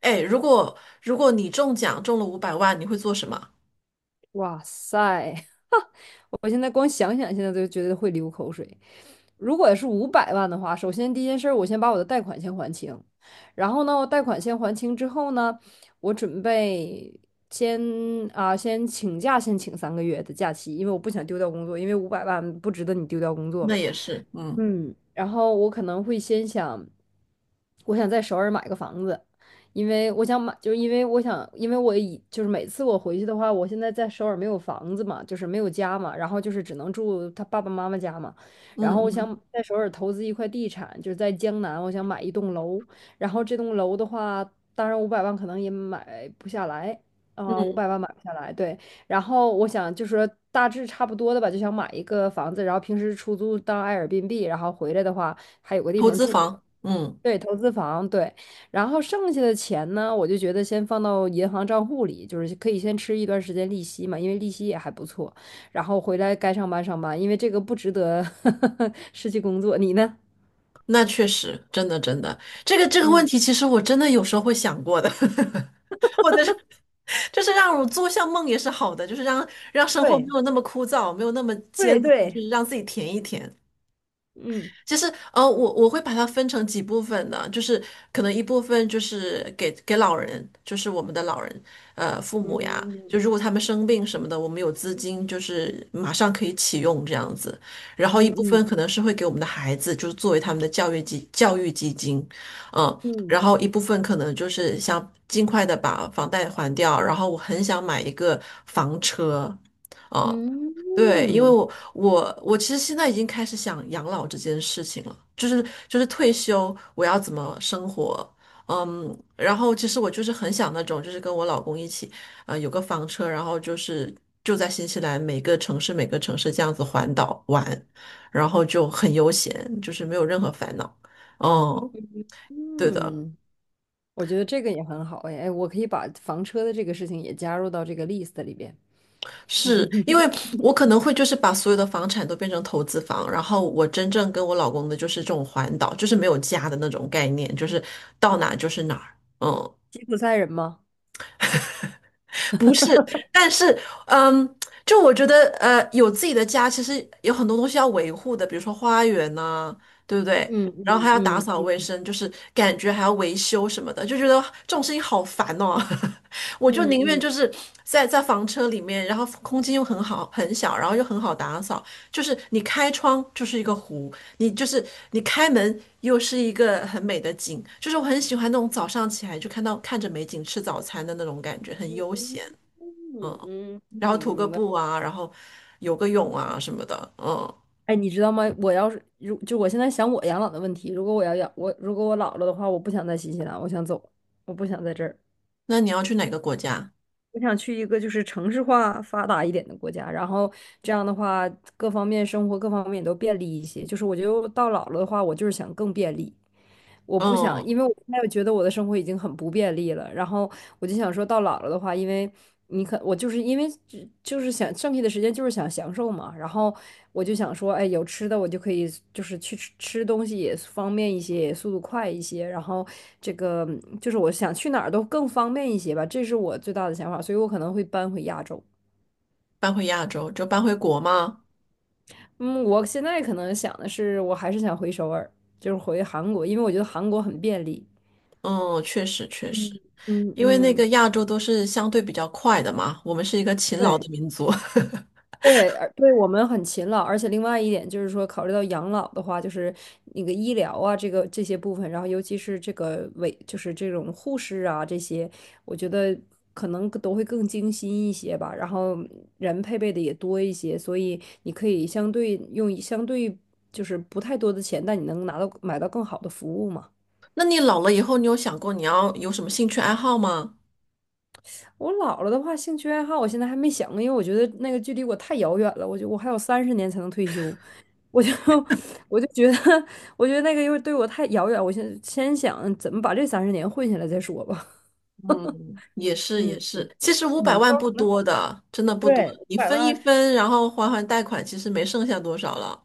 哎，如果你中奖中了五百万，你会做什么？哇塞！我现在光想想，现在都觉得会流口水。如果是五百万的话，首先第一件事儿，我先把我的贷款先还清，然后呢，我贷款先还清之后呢，我准备先先请假，先请3个月的假期，因为我不想丢掉工作，因为五百万不值得你丢掉工作那嘛。也是，嗯嗯，然后我可能会先想，我想在首尔买个房子，因为我想买，就是因为我想，因为我以就是每次我回去的话，我现在在首尔没有房子嘛，就是没有家嘛，然后就是只能住他爸爸妈妈家嘛。嗯然后我嗯想在首尔投资一块地产，就是在江南，我想买一栋楼，然后这栋楼的话，当然五百万可能也买不下来啊，五百嗯，万买不下来，对。然后我想就说大致差不多的吧，就想买一个房子，然后平时出租当 a 尔 r 币，然后回来的话还有个地投方资住。房，嗯，对，投资房，对。然后剩下的钱呢，我就觉得先放到银行账户里，就是可以先吃一段时间利息嘛，因为利息也还不错。然后回来该上班上班，因为这个不值得 失去工作。你呢？那确实，真的真的，这个问嗯，题，其实我真的有时候会想过的。或者是就是让我做项梦也是好的，就是让生活没对有那么枯燥，没有那么对艰难，就对。是让自己填一填。嗯其实，我会把它分成几部分的，就是可能一部分就是给老人，就是我们的老人，父嗯母呀，就嗯如果他们生病什么的，我们有资金，就是马上可以启用这样子。然后一部嗯嗯分可能是会给我们的孩子，就是作为他们的教育基金，嗯，嗯。然后一部分可能就是想尽快的把房贷还掉，然后我很想买一个房车。啊、嗯对，因为嗯。我其实现在已经开始想养老这件事情了，就是退休我要怎么生活。嗯，然后其实我就是很想那种，就是跟我老公一起，有个房车，然后就是就在新西兰每个城市每个城市这样子环岛玩，然后就很悠闲，就是没有任何烦恼。嗯，对的。嗯我觉得这个也很好哎，哎，我可以把房车的这个事情也加入到这个 list 里边。是因为我可能会就是把所有的房产都变成投资房，然后我真正跟我老公的就是这种环岛，就是没有家的那种概念，就是到哪就是哪儿。嗯，吉普赛人吗？不是，但是，嗯，就我觉得，有自己的家，其实有很多东西要维护的，比如说花园呐、对不对？嗯然后还要打嗯扫嗯卫生，就是感觉还要维修什么的，就觉得这种事情好烦哦。我就嗯宁愿嗯就是在房车里面，然后空间又很好很小，然后又很好打扫，就是你开窗就是一个湖，你就是你开门又是一个很美的景，就是我很喜欢那种早上起来就看着美景吃早餐的那种感觉，很悠闲。嗯嗯，嗯。然后涂个布啊，然后游个泳啊什么的。嗯。哎，你知道吗？我要是如就我现在想我养老的问题，如果我老了的话，我不想在新西兰，我想走，我不想在这儿，那你要去哪个国家？我想去一个就是城市化发达一点的国家，然后这样的话各方面生活各方面都便利一些。就是我觉得到老了的话，我就是想更便利。我不想，嗯，因为我现在觉得我的生活已经很不便利了，然后我就想说到老了的话，因为你可我就是因为只就是想剩下的时间就是想享受嘛，然后我就想说，哎，有吃的我就可以就是去吃吃东西也方便一些，也速度快一些，然后这个就是我想去哪儿都更方便一些吧，这是我最大的想法，所以我可能会搬回亚洲。搬回亚洲就搬回国吗？嗯，我现在可能想的是，我还是想回首尔，就是回韩国，因为我觉得韩国很便利。嗯，确实确实，嗯嗯因为那嗯，个亚洲都是相对比较快的嘛，我们是一个勤劳的对。民族。对，而对我们很勤劳，而且另外一点就是说，考虑到养老的话，就是那个医疗啊，这个这些部分，然后尤其是这个委，就是这种护士啊这些，我觉得可能都会更精心一些吧，然后人配备的也多一些，所以你可以相对用相对就是不太多的钱，但你能拿到买到更好的服务嘛。那你老了以后，你有想过你要有什么兴趣爱好吗？我老了的话，兴趣爱好我现在还没想，因为我觉得那个距离我太遥远了。我觉得我还有三十年才能退休，我就 我就觉得，我觉得那个又对我太遥远。我现在先想怎么把这三十年混下来再说吧。嗯，也是嗯也是，其实五百嗯，万不多的，真的不多，对，五你百分一万分，然后还贷款，其实没剩下多少了。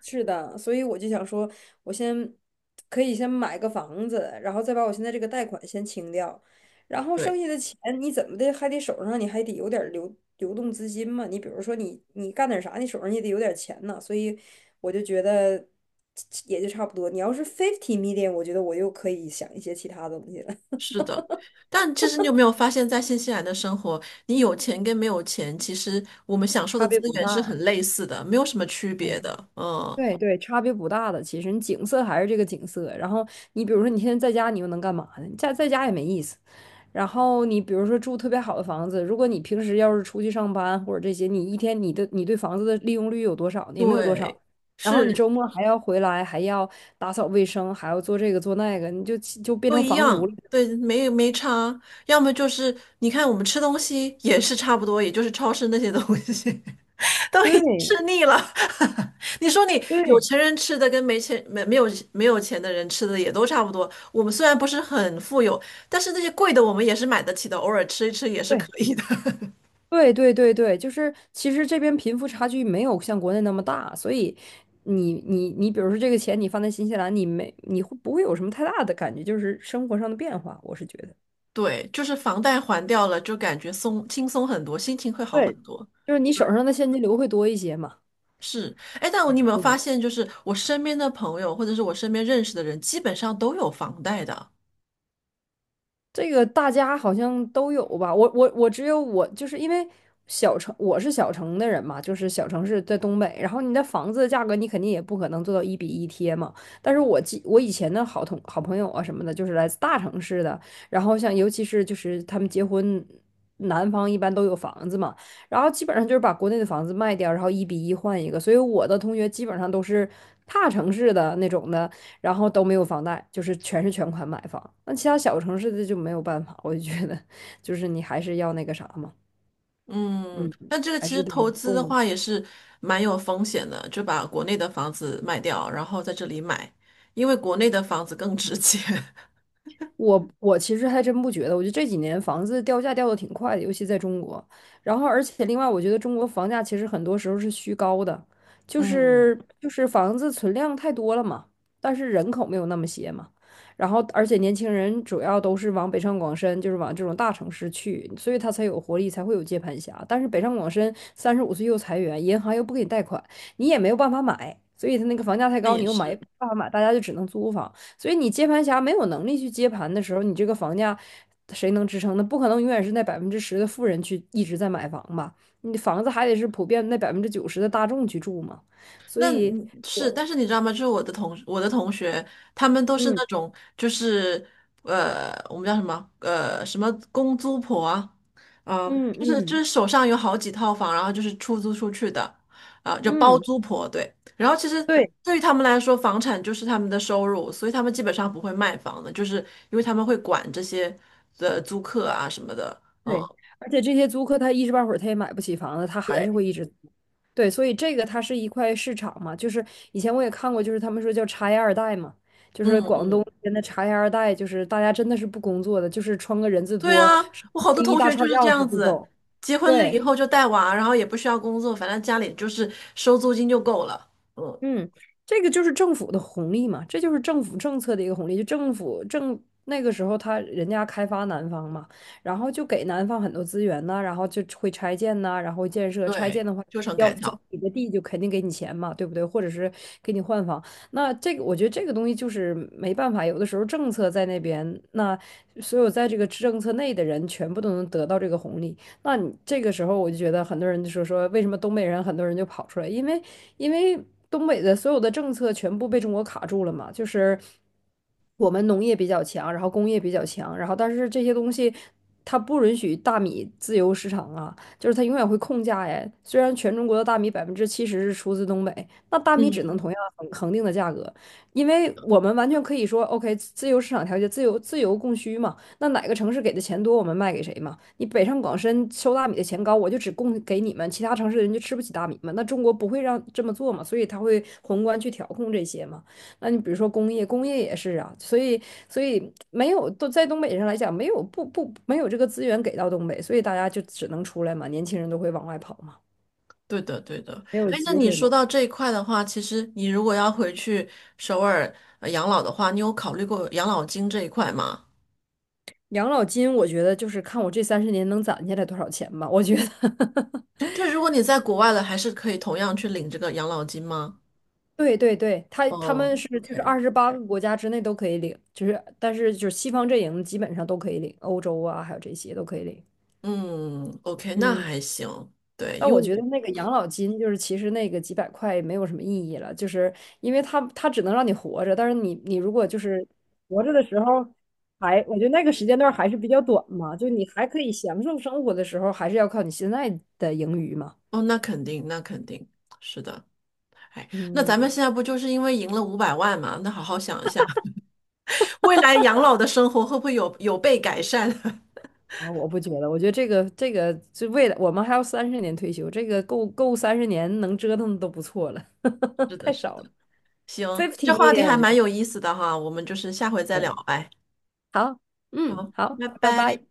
是的，所以我就想说，我先可以先买个房子，然后再把我现在这个贷款先清掉，然后对。剩下的钱你怎么的还得手上你还得有点儿流动资金嘛。你比如说你你干点啥，你手上也得有点儿钱呢。所以我就觉得也就差不多。你要是 fifty million，我觉得我又可以想一些其他东西了。是的。但其实你有没有发现，在新西兰的生活，你有钱跟没有钱，其实我们享受的差资别不源是很大。类似的，没有什么区别嗯。的。嗯，对对，差别不大的。其实你景色还是这个景色。然后你比如说你现在在家，你又能干嘛呢？你在在家也没意思。然后你比如说住特别好的房子，如果你平时要是出去上班或者这些，你一天你的你对房子的利用率有多少呢？也没有多对，少。然后你是周末还要回来，还要打扫卫生，还要做这个做那个，你就就变都成一房奴了。样，对，没差。要么就是你看我们吃东西也是差不多，也就是超市那些东西 都已经对吃腻了。你说你有对钱人吃的跟没钱没没有没有钱的人吃的也都差不多。我们虽然不是很富有，但是那些贵的我们也是买得起的，偶尔吃一吃也是可对。以的。对对对对，就是其实这边贫富差距没有像国内那么大，所以你，比如说这个钱你放在新西兰，你没你会不会有什么太大的感觉，就是生活上的变化？我是觉得，对，就是房贷还掉了，就感觉轻松很多，心情会好很对，多。就是你手上的现金流会多一些嘛。是，哎，但你有没有对，发现，就是我身边的朋友或者是我身边认识的人，基本上都有房贷的。这个大家好像都有吧？我只有我，就是因为小城，我是小城的人嘛，就是小城市在东北。然后你的房子的价格，你肯定也不可能做到一比一贴嘛。但是我记我以前的好朋友啊什么的，就是来自大城市的，然后像尤其是就是他们结婚，男方一般都有房子嘛，然后基本上就是把国内的房子卖掉，然后一比一换一个。所以我的同学基本上都是大城市的那种的。然后都没有房贷，就是全是全款买房。那其他小城市的就没有办法，我就觉得 就是你还是要那个啥嘛，嗯，嗯，但这个还其实是得投资的供话也是蛮有风险的，就把国内的房子卖掉，然后在这里买，因为国内的房子更值钱。我其实还真不觉得，我觉得这几年房子掉价掉的挺快的，尤其在中国。然后，而且另外，我觉得中国房价其实很多时候是虚高的，就嗯，是就是房子存量太多了嘛，但是人口没有那么些嘛。然后，而且年轻人主要都是往北上广深，就是往这种大城市去，所以他才有活力，才会有接盘侠。但是北上广深35岁又裁员，银行又不给你贷款，你也没有办法买，所以他那个房价太那高，也你又买是。办法买，大家就只能租房。所以你接盘侠没有能力去接盘的时候，你这个房价谁能支撑呢？不可能永远是那10%的富人去一直在买房吧？你的房子还得是普遍那90%的大众去住嘛。所那以嗯是，我，但是你知道吗？我的同学，他们都是嗯那种就是我们叫什么什么公租婆啊，啊、嗯就是就嗯是手上有好几套房，然后就是出租出去的，啊、就包嗯，租婆对。然后其实对对于他们来说，房产就是他们的收入，所以他们基本上不会卖房的，就是因为他们会管这些的租客啊什么的，嗯对，而且这些租客他一时半会儿他也买不起房子，他还是对，会一直对，所以这个它是一块市场嘛，就是以前我也看过，就是他们说叫茶叶二代嘛，就嗯是广东嗯。那边的茶叶二代，就是大家真的是不工作的，就是穿个人字对拖，啊，是我好多一同大学就串是这钥匙样就子，走。结婚了以对。后就带娃，然后也不需要工作，反正家里就是收租金就够了。嗯，嗯，这个就是政府的红利嘛，这就是政府政策的一个红利。就政府政那个时候他，人家开发南方嘛，然后就给南方很多资源呐、然后就会拆建呐、然后建设。拆对，建的话，就成要改征造。你的地就肯定给你钱嘛，对不对？或者是给你换房。那这个我觉得这个东西就是没办法，有的时候政策在那边，那所有在这个政策内的人全部都能得到这个红利。那你这个时候我就觉得很多人就说说为什么东北人很多人就跑出来，因为因为东北的所有的政策全部被中国卡住了嘛，就是我们农业比较强，然后工业比较强，然后但是这些东西。它不允许大米自由市场啊，就是它永远会控价呀。虽然全中国的大米70%是出自东北，那大米只能嗯，同样恒定的价格，因为我们完全可以说，OK，自由市场调节，自由供需嘛。那哪个城市给的钱多，我们卖给谁嘛？你北上广深收大米的钱高，我就只供给你们，其他城市的人就吃不起大米嘛。那中国不会让这么做嘛，所以他会宏观去调控这些嘛。那你比如说工业，工业也是啊，所以没有都在东北上来讲，没有这个资源给到东北，所以大家就只能出来嘛，年轻人都会往外跑嘛。对的，对的。没有哎，那机你会说嘛。到这一块的话，其实你如果要回去首尔养老的话，你有考虑过养老金这一块吗？养老金，我觉得就是看我这三十年能攒下来多少钱嘛，我觉得。就是如果你在国外了，还是可以同样去领这个养老金吗？对对对，他他哦们是就是，OK。28个国家之内都可以领，就是但是就是西方阵营基本上都可以领，欧洲啊还有这些都可以领。嗯，OK，那嗯，还行。对，但因为我觉得我，那个养老金就是其实那个几百块没有什么意义了，就是因为它只能让你活着，但是你你如果就是活着的时候还，我觉得那个时间段还是比较短嘛，就你还可以享受生活的时候，还是要靠你现在的盈余嘛。哦，那肯定，那肯定是的。哎，那咱们嗯，现在不就是因为赢了五百万嘛？那好好想一下，未来养老的生活会不会有被改善？啊，我不觉得，我觉得这个这个就未来我们还要三十年退休，这个够够三十年能折腾的都不错了，是 的，太是少的。了。行，fifty 这一话题点还我觉蛮得有意思的哈，我们就是下回再聊对，呗。好，嗯，好，好，拜拜拜。拜。